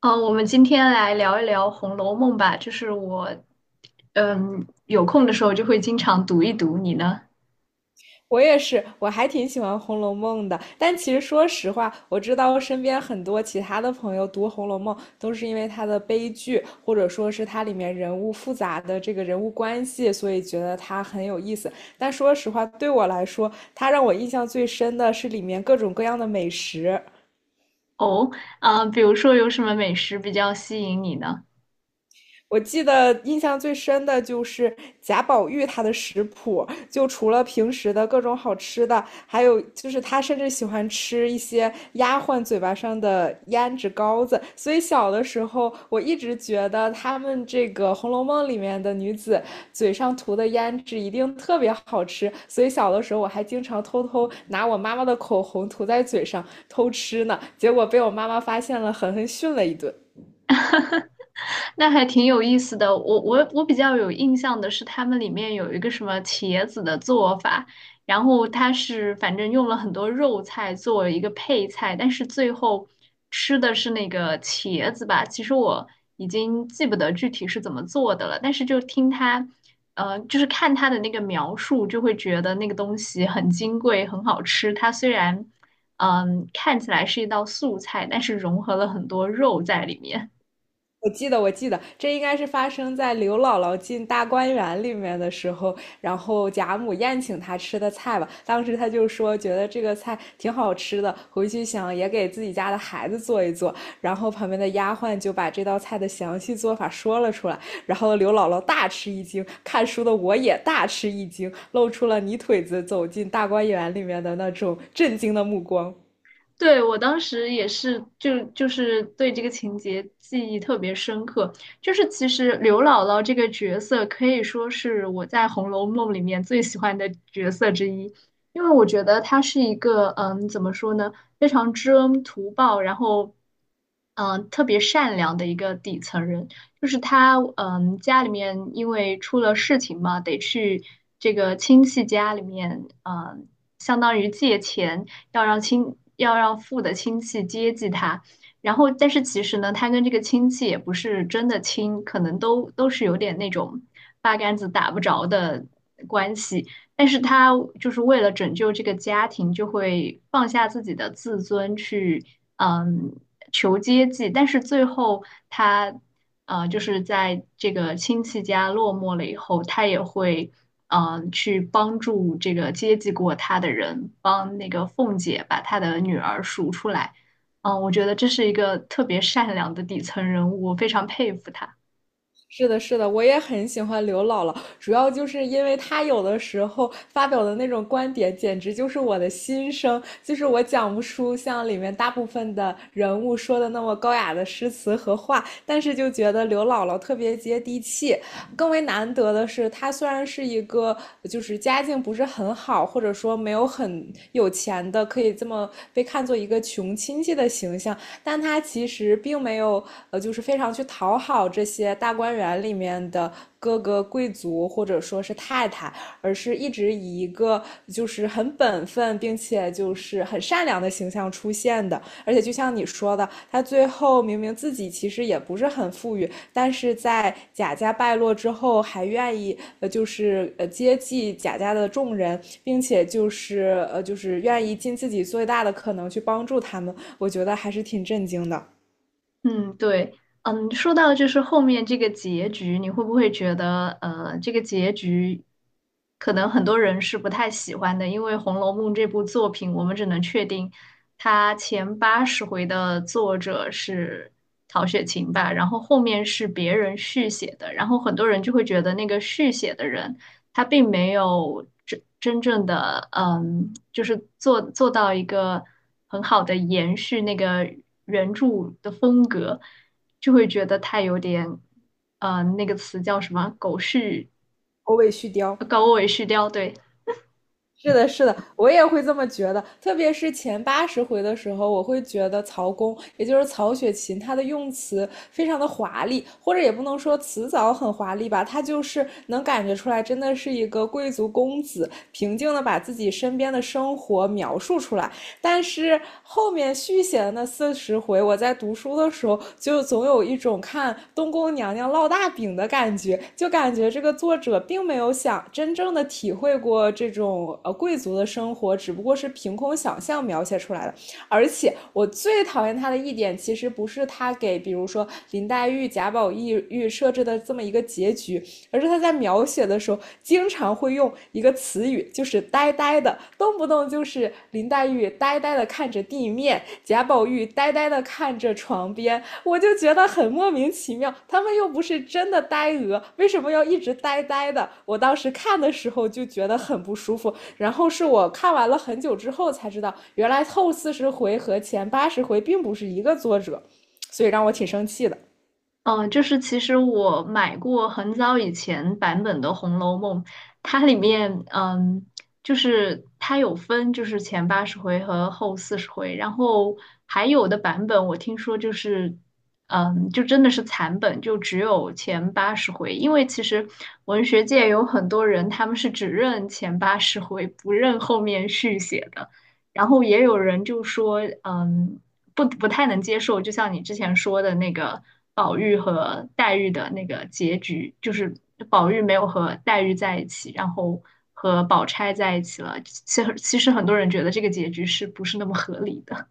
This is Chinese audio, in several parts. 嗯，我们今天来聊一聊《红楼梦》吧。就是我，嗯，有空的时候就会经常读一读。你呢？我也是，我还挺喜欢《红楼梦》的。但其实说实话，我知道身边很多其他的朋友读《红楼梦》都是因为它的悲剧，或者说是它里面人物复杂的这个人物关系，所以觉得它很有意思。但说实话，对我来说，它让我印象最深的是里面各种各样的美食。哦，啊，比如说有什么美食比较吸引你呢？我记得印象最深的就是贾宝玉他的食谱，就除了平时的各种好吃的，还有就是他甚至喜欢吃一些丫鬟嘴巴上的胭脂膏子。所以小的时候，我一直觉得他们这个《红楼梦》里面的女子嘴上涂的胭脂一定特别好吃。所以小的时候，我还经常偷偷拿我妈妈的口红涂在嘴上偷吃呢，结果被我妈妈发现了，狠狠训了一顿。那还挺有意思的。我比较有印象的是，他们里面有一个什么茄子的做法，然后它是反正用了很多肉菜做为一个配菜，但是最后吃的是那个茄子吧。其实我已经记不得具体是怎么做的了，但是就听他，就是看他的那个描述，就会觉得那个东西很金贵，很好吃。它虽然，嗯，看起来是一道素菜，但是融合了很多肉在里面。我记得，这应该是发生在刘姥姥进大观园里面的时候，然后贾母宴请她吃的菜吧。当时她就说，觉得这个菜挺好吃的，回去想也给自己家的孩子做一做。然后旁边的丫鬟就把这道菜的详细做法说了出来，然后刘姥姥大吃一惊，看书的我也大吃一惊，露出了泥腿子走进大观园里面的那种震惊的目光。对，我当时也是，就是对这个情节记忆特别深刻。就是其实刘姥姥这个角色可以说是我在《红楼梦》里面最喜欢的角色之一，因为我觉得她是一个嗯，怎么说呢，非常知恩图报，然后嗯，特别善良的一个底层人。就是她嗯，家里面因为出了事情嘛，得去这个亲戚家里面嗯，相当于借钱。要让父的亲戚接济他。然后，但是其实呢，他跟这个亲戚也不是真的亲，可能都是有点那种八竿子打不着的关系。但是他就是为了拯救这个家庭，就会放下自己的自尊去，嗯，求接济。但是最后他就是在这个亲戚家落寞了以后，他也会去帮助这个接济过他的人，帮那个凤姐把她的女儿赎出来。嗯、我觉得这是一个特别善良的底层人物，我非常佩服他。是的，是的，我也很喜欢刘姥姥，主要就是因为她有的时候发表的那种观点，简直就是我的心声，就是我讲不出像里面大部分的人物说的那么高雅的诗词和话，但是就觉得刘姥姥特别接地气。更为难得的是，她虽然是一个就是家境不是很好，或者说没有很有钱的，可以这么被看作一个穷亲戚的形象，但他其实并没有就是非常去讨好这些大观园里面的各个贵族或者说是太太，而是一直以一个就是很本分并且就是很善良的形象出现的。而且就像你说的，他最后明明自己其实也不是很富裕，但是在贾家败落之后，还愿意就是接济贾家的众人，并且就是就是愿意尽自己最大的可能去帮助他们，我觉得还是挺震惊的。嗯，对，嗯，说到就是后面这个结局，你会不会觉得，这个结局可能很多人是不太喜欢的，因为《红楼梦》这部作品，我们只能确定它前八十回的作者是曹雪芹吧，然后后面是别人续写的，然后很多人就会觉得那个续写的人。它并没有真真正的，嗯，就是做到一个很好的延续那个原著的风格，就会觉得它有点，那个词叫什么？狗续，欧卫续貂，狗尾续貂，对，是的，是的，我也会这么觉得。特别是前八十回的时候，我会觉得曹公，也就是曹雪芹，他的用词非常的华丽，或者也不能说辞藻很华丽吧，他就是能感觉出来，真的是一个贵族公子，平静的把自己身边的生活描述出来。但是后面续写的那四十回，我在读书的时候，就总有一种看东宫娘娘烙大饼的感觉，就感觉这个作者并没有想真正的体会过这种贵族的生活，只不过是凭空想象描写出来的。而且我最讨厌他的一点，其实不是他给比如说林黛玉、贾宝玉设置的这么一个结局，而是他在描写的时候，经常会用一个词语，就是“呆呆的”，动不动就是林黛玉呆呆的看着地面，贾宝玉呆呆的看着床边，我就觉得很莫名其妙。他们又不是真的呆鹅，为什么要一直呆呆的？我当时看的时候就觉得很不舒服，然后是我看完了很久之后才知道，原来后四十回和前八十回并不是一个作者，所以让我挺生气的。嗯，就是其实我买过很早以前版本的《红楼梦》，它里面嗯，就是它有分就是前八十回和后四十回，然后还有的版本我听说就是嗯，就真的是残本，就只有前八十回，因为其实文学界有很多人他们是只认前八十回，不认后面续写的。然后也有人就说，嗯，不太能接受，就像你之前说的那个宝玉和黛玉的那个结局，就是宝玉没有和黛玉在一起，然后和宝钗在一起了。其实很多人觉得这个结局是不是那么合理的？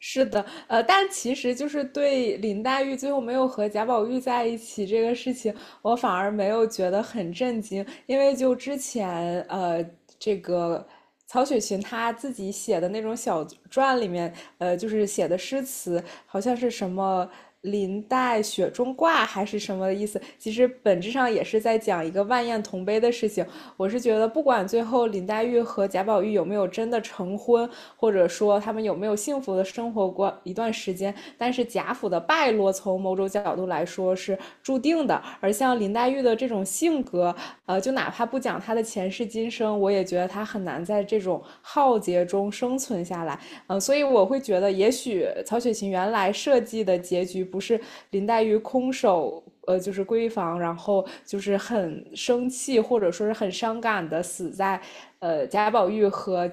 是的，但其实就是对林黛玉最后没有和贾宝玉在一起这个事情，我反而没有觉得很震惊，因为就之前这个。曹雪芹他自己写的那种小传里面，就是写的诗词，好像是什么林黛雪中挂还是什么意思？其实本质上也是在讲一个万艳同悲的事情。我是觉得，不管最后林黛玉和贾宝玉有没有真的成婚，或者说他们有没有幸福的生活过一段时间，但是贾府的败落，从某种角度来说是注定的。而像林黛玉的这种性格。和就哪怕不讲他的前世今生，我也觉得他很难在这种浩劫中生存下来。所以我会觉得，也许曹雪芹原来设计的结局不是林黛玉空手。就是闺房，然后就是很生气，或者说是很伤感的死在，贾宝玉和，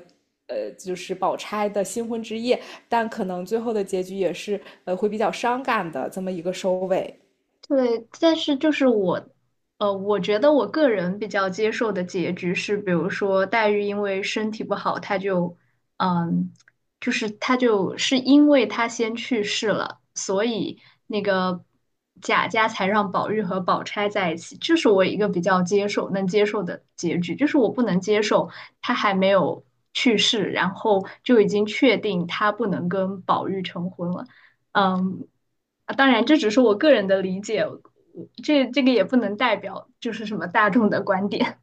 就是宝钗的新婚之夜，但可能最后的结局也是，会比较伤感的这么一个收尾。对，但是就是我，我觉得我个人比较接受的结局是，比如说黛玉因为身体不好，她就，嗯，就是她就是因为她先去世了，所以那个贾家才让宝玉和宝钗在一起，这是我一个比较接受能接受的结局，就是我不能接受她还没有去世，然后就已经确定她不能跟宝玉成婚了，嗯。啊，当然这只是我个人的理解，这个也不能代表就是什么大众的观点。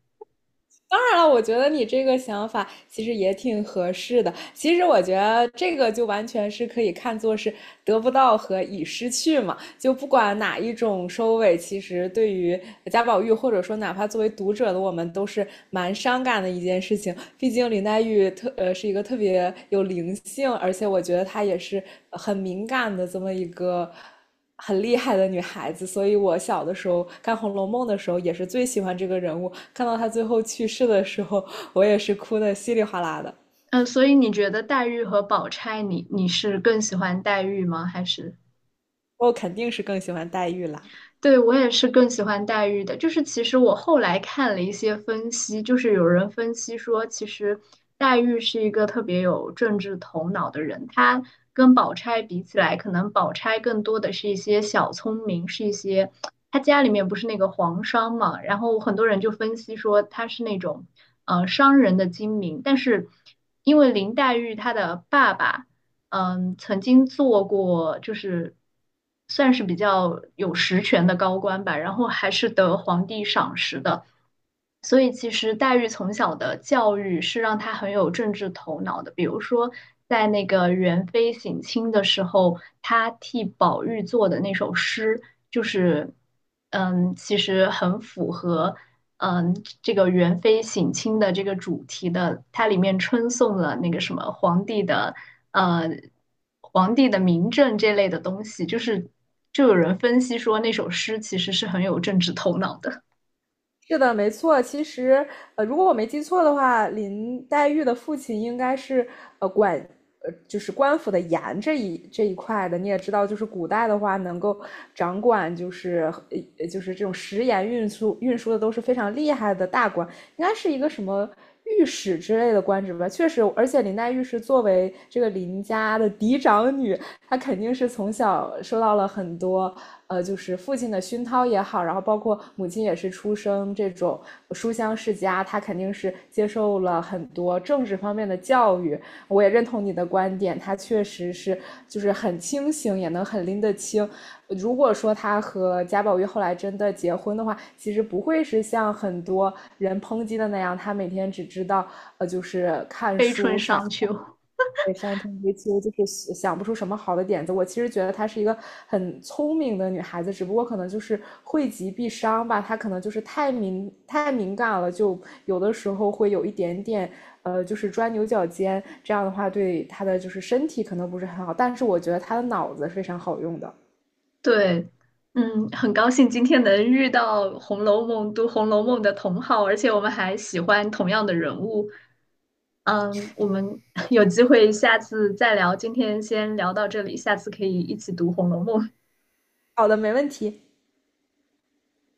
当然了，我觉得你这个想法其实也挺合适的。其实我觉得这个就完全是可以看作是得不到和已失去嘛。就不管哪一种收尾，其实对于贾宝玉，或者说哪怕作为读者的我们，都是蛮伤感的一件事情。毕竟林黛玉是一个特别有灵性，而且我觉得她也是很敏感的这么一个很厉害的女孩子。所以我小的时候看《红楼梦》的时候，也是最喜欢这个人物。看到她最后去世的时候，我也是哭的稀里哗啦的。嗯，所以你觉得黛玉和宝钗你，你是更喜欢黛玉吗？还是我肯定是更喜欢黛玉啦。对，我也是更喜欢黛玉的，就是其实我后来看了一些分析，就是有人分析说，其实黛玉是一个特别有政治头脑的人，她跟宝钗比起来，可能宝钗更多的是一些小聪明，是一些她家里面不是那个皇商嘛，然后很多人就分析说她是那种商人的精明，但是因为林黛玉她的爸爸。嗯，曾经做过，就是算是比较有实权的高官吧，然后还是得皇帝赏识的。所以其实黛玉从小的教育是让她很有政治头脑的。比如说，在那个元妃省亲的时候，她替宝玉做的那首诗，就是嗯，其实很符合嗯这个元妃省亲的这个主题的。它里面称颂了那个什么皇帝的呃皇帝的名政这类的东西，就是就有人分析说那首诗其实是很有政治头脑的，是的，没错。其实，如果我没记错的话，林黛玉的父亲应该是管就是官府的盐这一块的。你也知道，就是古代的话，能够掌管就是就是这种食盐运输的都是非常厉害的大官，应该是一个什么御史之类的官职吧。确实，而且林黛玉是作为这个林家的嫡长女，他肯定是从小受到了很多，就是父亲的熏陶也好，然后包括母亲也是出生这种书香世家，他肯定是接受了很多政治方面的教育。我也认同你的观点，他确实是就是很清醒，也能很拎得清。如果说他和贾宝玉后来真的结婚的话，其实不会是像很多人抨击的那样，他每天只知道就是看《悲春书、上。伤秋》。对，上天为秋就是想想不出什么好的点子。我其实觉得她是一个很聪明的女孩子，只不过可能就是惠及必伤吧。她可能就是太敏感了，就有的时候会有一点点，就是钻牛角尖。这样的话，对她的就是身体可能不是很好。但是我觉得她的脑子是非常好用的。对，嗯，很高兴今天能遇到《红楼梦》的同好，而且我们还喜欢同样的人物。嗯，我们 有机会下次再聊，今天先聊到这里，下次可以一起读《红楼梦》。好的，没问题。